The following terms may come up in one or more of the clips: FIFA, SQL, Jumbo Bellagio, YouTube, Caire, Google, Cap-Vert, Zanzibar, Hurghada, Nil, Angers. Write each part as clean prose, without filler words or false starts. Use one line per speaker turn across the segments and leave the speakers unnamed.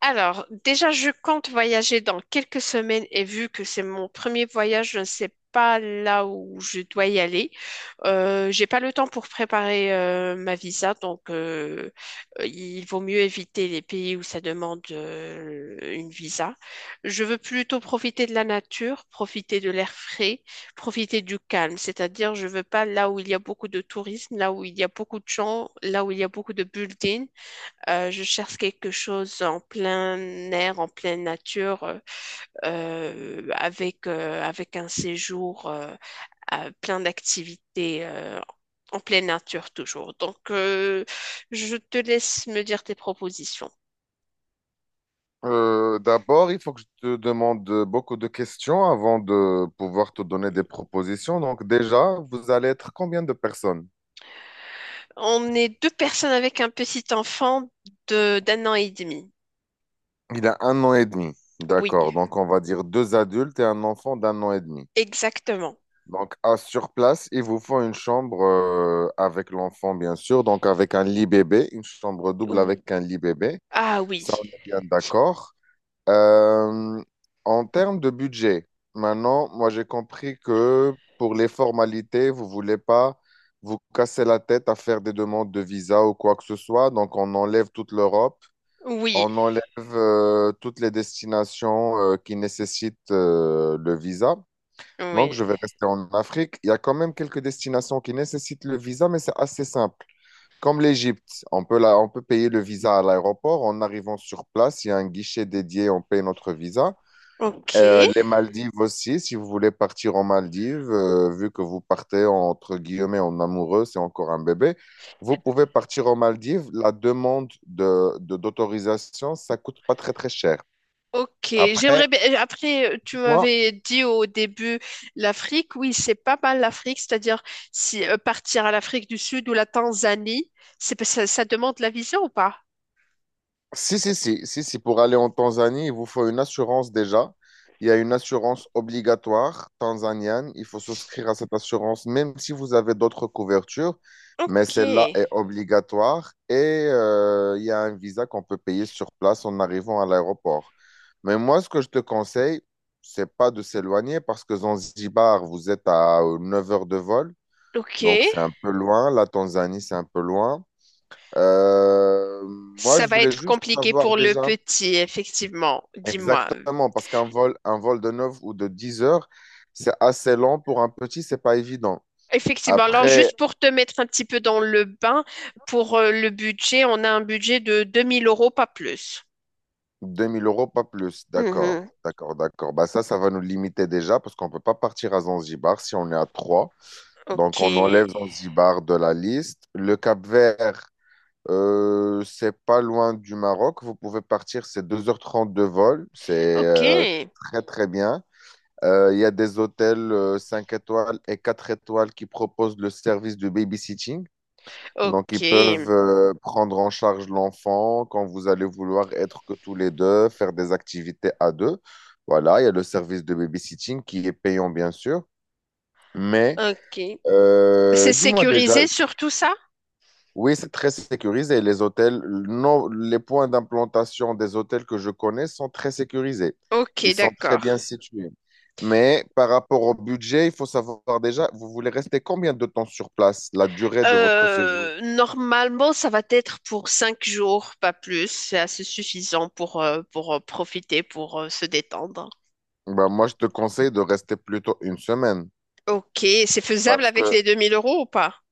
Alors, déjà, je compte voyager dans quelques semaines et vu que c'est mon premier voyage, je ne sais pas là où je dois y aller. J'ai pas le temps pour préparer ma visa, donc il vaut mieux éviter les pays où ça demande une visa. Je veux plutôt profiter de la nature, profiter de l'air frais, profiter du calme. C'est-à-dire, je veux pas là où il y a beaucoup de tourisme, là où il y a beaucoup de gens, là où il y a beaucoup de buildings. Je cherche quelque chose en plein air, en pleine nature, avec, avec un séjour à plein d'activités en pleine nature toujours. Donc, je te laisse me dire tes propositions.
D'abord, il faut que je te demande beaucoup de questions avant de pouvoir te donner des propositions. Donc déjà, vous allez être combien de personnes?
On est deux personnes avec un petit enfant de d'un an et demi.
Il a un an et demi.
Oui,
D'accord. Donc on va dire deux adultes et un enfant d'un an et demi.
exactement.
Donc à sur place, il vous faut une chambre avec l'enfant, bien sûr. Donc avec un lit bébé, une chambre double
Ou-
avec un lit bébé.
Ah
Ça,
oui,
on est bien d'accord. Euh, En termes de budget, maintenant, moi j'ai compris que pour les formalités, vous voulez pas vous casser la tête à faire des demandes de visa ou quoi que ce soit. Donc on enlève toute l'Europe,
oui,
on enlève toutes les destinations qui nécessitent le visa. Donc
oui.
je vais rester en Afrique. Il y a quand même quelques destinations qui nécessitent le visa, mais c'est assez simple. Comme l'Égypte, on peut payer le visa à l'aéroport. En arrivant sur place, il y a un guichet dédié, on paye notre visa.
Ok.
Les Maldives aussi, si vous voulez partir en Maldives, vu que vous partez entre guillemets en amoureux, c'est encore un bébé, vous pouvez partir aux Maldives. La demande d'autorisation, ça coûte pas très très cher.
Ok,
Après,
j'aimerais bien. Après, tu
moi,
m'avais dit au début l'Afrique. Oui, c'est pas mal l'Afrique, c'est-à-dire si partir à l'Afrique du Sud ou la Tanzanie, c'est pas- ça demande la visa ou pas?
Si, si, si, si, si, pour aller en Tanzanie, il vous faut une assurance déjà. Il y a une assurance obligatoire tanzanienne. Il faut souscrire à cette assurance, même si vous avez d'autres couvertures, mais
Ok,
celle-là est obligatoire. Et il y a un visa qu'on peut payer sur place en arrivant à l'aéroport. Mais moi, ce que je te conseille, c'est pas de s'éloigner parce que Zanzibar, vous êtes à 9 heures de vol.
ok.
Donc, c'est un peu loin. La Tanzanie, c'est un peu loin. Moi,
Ça
je
va
voulais
être
juste
compliqué
savoir
pour le
déjà
petit, effectivement. Dis-moi.
exactement, parce qu'un vol, un vol de 9 ou de 10 heures, c'est assez long pour un petit, c'est pas évident.
Effectivement. Alors,
Après
juste pour te mettre un petit peu dans le bain, pour le budget, on a un budget de 2000 euros, pas plus.
2 000 euros, pas plus. D'accord,
Mhm.
d'accord, d'accord. Bah ça, ça va nous limiter déjà, parce qu'on peut pas partir à Zanzibar si on est à 3.
Ok,
Donc, on enlève Zanzibar de la liste. Le Cap-Vert, c'est pas loin du Maroc. Vous pouvez partir, c'est 2h30 de vol. C'est
ok,
très, très bien. Il y a des hôtels 5 étoiles et 4 étoiles qui proposent le service de babysitting. Donc, ils peuvent
ok,
prendre en charge l'enfant quand vous allez vouloir être que tous les deux, faire des activités à deux. Voilà, il y a le service de babysitting qui est payant, bien sûr. Mais
ok. C'est
dis-moi déjà,
sécurisé sur tout ça?
oui, c'est très sécurisé. Les hôtels, non, les points d'implantation des hôtels que je connais sont très sécurisés.
Ok,
Ils sont très
d'accord.
bien situés. Mais par rapport au budget, il faut savoir déjà, vous voulez rester combien de temps sur place, la durée de votre séjour?
Normalement, ça va être pour 5 jours, pas plus. C'est assez suffisant pour profiter, pour se détendre.
Ben, moi, je te conseille de rester plutôt une semaine.
Ok, c'est faisable
Parce
avec
que
les 2000 € ou pas?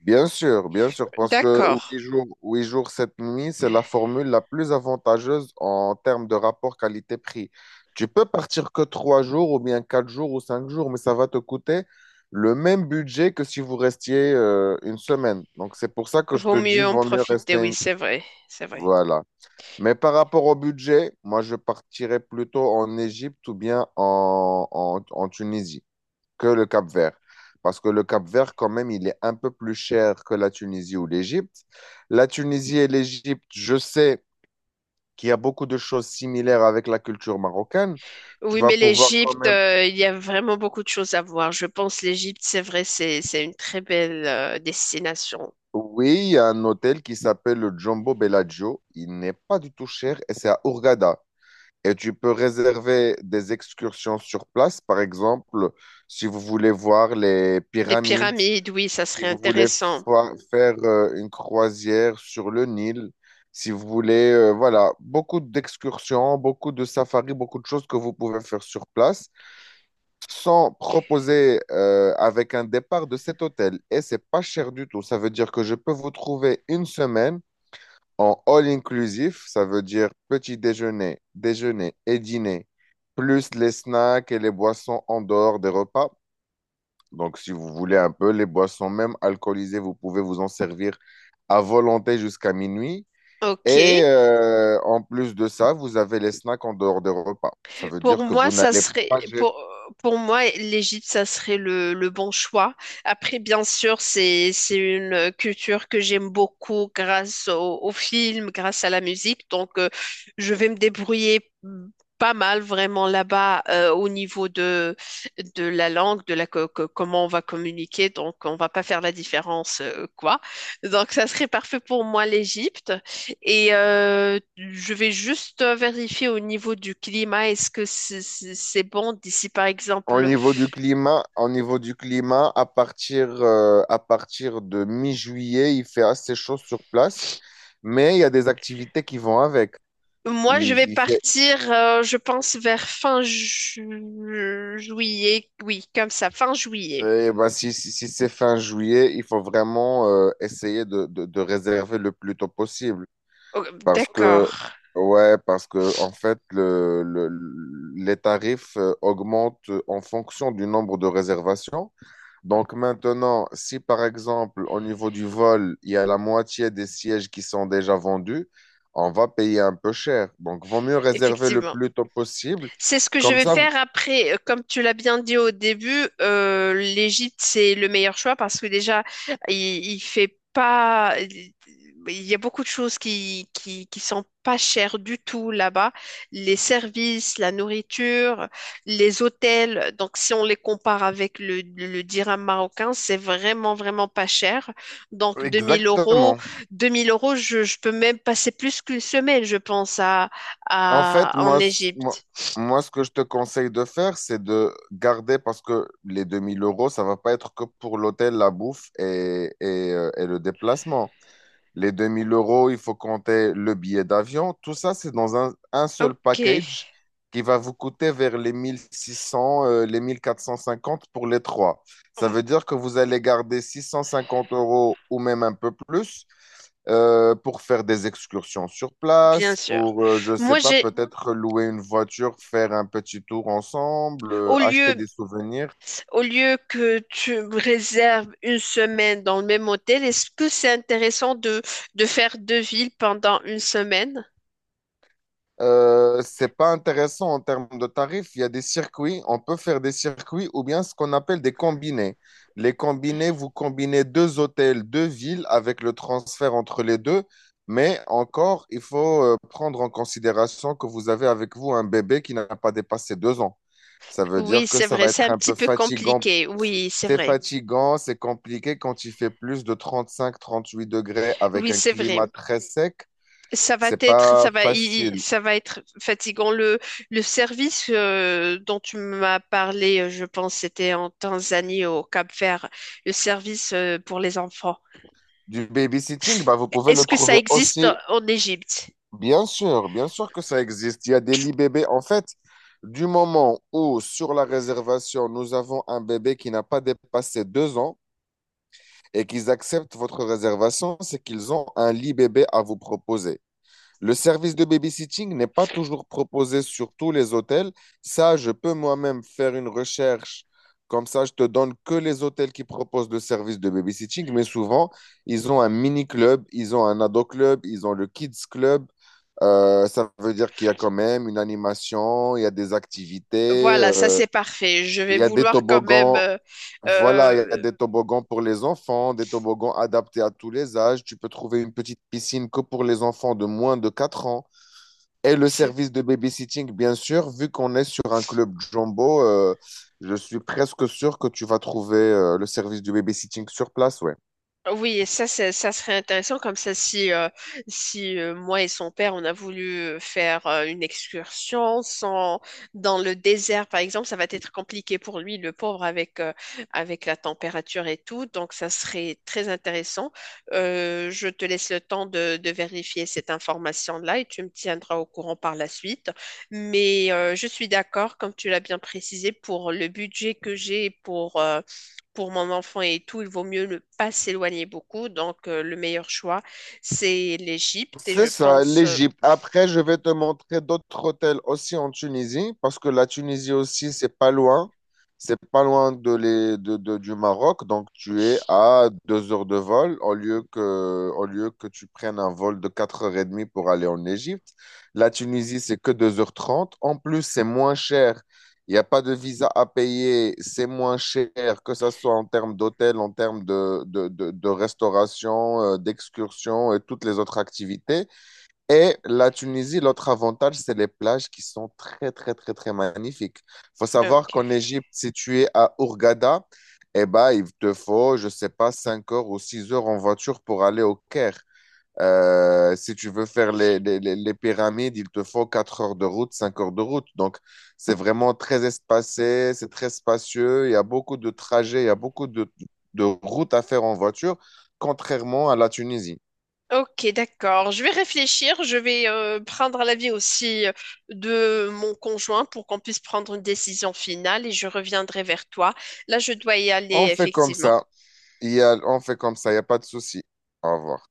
Bien sûr, parce que
D'accord.
8 jours, 8 jours, 7 nuits, c'est la formule la plus avantageuse en termes de rapport qualité-prix. Tu peux partir que 3 jours ou bien 4 jours ou 5 jours, mais ça va te coûter le même budget que si vous restiez une semaine. Donc c'est pour ça que je te
Vaut
dis,
mieux en
vaut mieux
profiter,
rester.
oui,
une-
c'est vrai, c'est vrai.
Voilà. Mais par rapport au budget, moi je partirais plutôt en Égypte ou bien en Tunisie que le Cap-Vert. Parce que le Cap-Vert, quand même, il est un peu plus cher que la Tunisie ou l'Égypte. La Tunisie et l'Égypte, je sais qu'il y a beaucoup de choses similaires avec la culture marocaine. Tu
Oui,
vas
mais
pouvoir quand
l'Égypte,
même.
il y a vraiment beaucoup de choses à voir. Je pense l'Égypte, c'est vrai, c'est une très belle destination.
Oui, il y a un hôtel qui s'appelle le Jumbo Bellagio. Il n'est pas du tout cher et c'est à Hurghada. Et tu peux réserver des excursions sur place, par exemple, si vous voulez voir les
Des
pyramides.
pyramides, oui, ça
Si
serait
vous voulez
intéressant.
faire une croisière sur le Nil, si vous voulez, voilà, beaucoup d'excursions, beaucoup de safaris, beaucoup de choses que vous pouvez faire sur place, sans proposer avec un départ de cet hôtel. Et c'est pas cher du tout. Ça veut dire que je peux vous trouver une semaine en all inclusif. Ça veut dire petit déjeuner, déjeuner et dîner, plus les snacks et les boissons en dehors des repas. Donc, si vous voulez un peu, les boissons, même alcoolisées, vous pouvez vous en servir à volonté jusqu'à minuit.
Ok.
Et en plus de ça, vous avez les snacks en dehors des repas. Ça veut
Pour
dire que
moi,
vous
ça
n'allez
serait
pas gérer.
pour moi, l'Égypte, ça serait le bon choix. Après, bien sûr, c'est une culture que j'aime beaucoup grâce au film, grâce à la musique. Donc, je vais me débrouiller pas mal vraiment là-bas au niveau de la langue, de la comment on va communiquer. Donc, on va pas faire la différence quoi. Donc, ça serait parfait pour moi l'Égypte. Et je vais juste vérifier au niveau du climat, est-ce que c'est bon d'ici, par
Au
exemple.
niveau du climat, au niveau du climat, à partir de mi-juillet, il fait assez chaud sur place, mais il y a des activités qui vont avec.
Moi,
Il,
je vais
il fait,
partir, je pense, vers fin juillet. Oui, comme ça, fin juillet.
eh ben, si c'est fin juillet, il faut vraiment essayer de réserver le plus tôt possible.
Oh,
Parce que,
d'accord,
ouais, parce que, en fait, les tarifs augmentent en fonction du nombre de réservations. Donc maintenant, si par exemple, au niveau du vol, il y a la moitié des sièges qui sont déjà vendus, on va payer un peu cher. Donc, vaut mieux réserver le
effectivement.
plus tôt possible.
C'est ce que je
Comme
vais
ça,
faire après. Comme tu l'as bien dit au début, l'Égypte, c'est le meilleur choix parce que déjà, il, il fait pas. Il y a beaucoup de choses qui sont pas chères du tout là-bas. Les services, la nourriture, les hôtels. Donc, si on les compare avec le dirham marocain, c'est vraiment, vraiment pas cher. Donc, 2000 euros,
exactement.
2000 euros, je peux même passer plus qu'une semaine, je pense,
En fait,
en
moi,
Égypte.
ce que je te conseille de faire, c'est de garder, parce que les 2 000 euros, ça va pas être que pour l'hôtel, la bouffe et le déplacement. Les 2 000 euros, il faut compter le billet d'avion. Tout ça, c'est dans un seul
Ok,
package qui va vous coûter vers les 1600, les 1 450 pour les trois. Ça veut dire que vous allez garder 650 euros ou même un peu plus pour faire des excursions sur
bien
place,
sûr.
je ne sais
Moi,
pas,
j'ai
peut-être louer une voiture, faire un petit tour ensemble,
au
acheter
lieu
des souvenirs.
au lieu que tu me réserves une semaine dans le même hôtel, est-ce que c'est intéressant de faire deux villes pendant une semaine?
C'est pas intéressant en termes de tarifs. Il y a des circuits, on peut faire des circuits ou bien ce qu'on appelle des combinés. Les combinés, vous combinez deux hôtels, deux villes avec le transfert entre les deux, mais encore, il faut prendre en considération que vous avez avec vous un bébé qui n'a pas dépassé 2 ans. Ça veut
Oui,
dire que
c'est
ça
vrai,
va
c'est un
être un
petit
peu
peu
fatigant.
compliqué. Oui, c'est
C'est
vrai.
fatigant, c'est compliqué quand il fait plus de 35-38 degrés avec
Oui,
un
c'est
climat
vrai.
très sec.
Ça va
C'est
être
pas
ça va i- i-
facile.
Ça va être fatigant. Le service dont tu m'as parlé, je pense, c'était en Tanzanie, au Cap-Vert, le service pour les enfants.
Du babysitting, bah, vous pouvez le
Est-ce que ça
trouver
existe
aussi,
en Égypte?
bien sûr que ça existe. Il y a des lits bébés. En fait, du moment où sur la réservation, nous avons un bébé qui n'a pas dépassé 2 ans et qu'ils acceptent votre réservation, c'est qu'ils ont un lit bébé à vous proposer. Le service de babysitting n'est pas toujours proposé sur tous les hôtels. Ça, je peux moi-même faire une recherche. Comme ça, je te donne que les hôtels qui proposent le service de babysitting. Mais souvent, ils ont un mini-club, ils ont un ado-club, ils ont le kids club. Ça veut dire qu'il y a quand même une animation, il y a des activités,
Voilà, ça c'est parfait. Je
il
vais
y a des
vouloir quand même
toboggans. Voilà, il y a
euh,
des toboggans pour les enfants, des toboggans adaptés à tous les âges. Tu peux trouver une petite piscine que pour les enfants de moins de 4 ans. Et le service de babysitting, bien sûr, vu qu'on est sur un club jumbo, je suis presque sûr que tu vas trouver le service du babysitting sur place, ouais.
Oui, et ça, ça serait intéressant comme ça si moi et son père, on a voulu faire une excursion sans, dans le désert, par exemple, ça va être compliqué pour lui, le pauvre, avec, avec la température et tout. Donc, ça serait très intéressant. Je te laisse le temps de vérifier cette information-là et tu me tiendras au courant par la suite. Mais je suis d'accord, comme tu l'as bien précisé, pour le budget que j'ai pour mon enfant et tout, il vaut mieux ne pas s'éloigner beaucoup. Donc, le meilleur choix, c'est l'Égypte. Et
C'est
je
ça,
pense.
l'Égypte. Après, je vais te montrer d'autres hôtels aussi en Tunisie, parce que la Tunisie aussi, c'est pas loin. C'est pas loin de les, de- du Maroc, donc tu es à 2 heures de vol au lieu que tu prennes un vol de 4h30 pour aller en Égypte. La Tunisie, c'est que 2h30. En plus, c'est moins cher. Il n'y a pas de visa à payer, c'est moins cher, que ce soit en termes d'hôtel, en termes de restauration, d'excursion et toutes les autres activités. Et la Tunisie, l'autre avantage, c'est les plages qui sont très, très, très, très magnifiques. Il faut savoir
Ok.
qu'en Égypte, si tu es à Hurghada, eh ben, il te faut, je sais pas, 5 heures ou 6 heures en voiture pour aller au Caire. Si tu veux faire les pyramides, il te faut 4 heures de route, 5 heures de route. Donc, c'est vraiment très espacé, c'est très spacieux. Il y a beaucoup de trajets, il y a beaucoup de routes à faire en voiture, contrairement à la Tunisie.
Ok, d'accord. Je vais réfléchir. Je vais prendre l'avis aussi de mon conjoint pour qu'on puisse prendre une décision finale et je reviendrai vers toi. Là, je dois y aller,
On fait comme
effectivement.
ça. On fait comme ça, il n'y a pas de souci. Au revoir.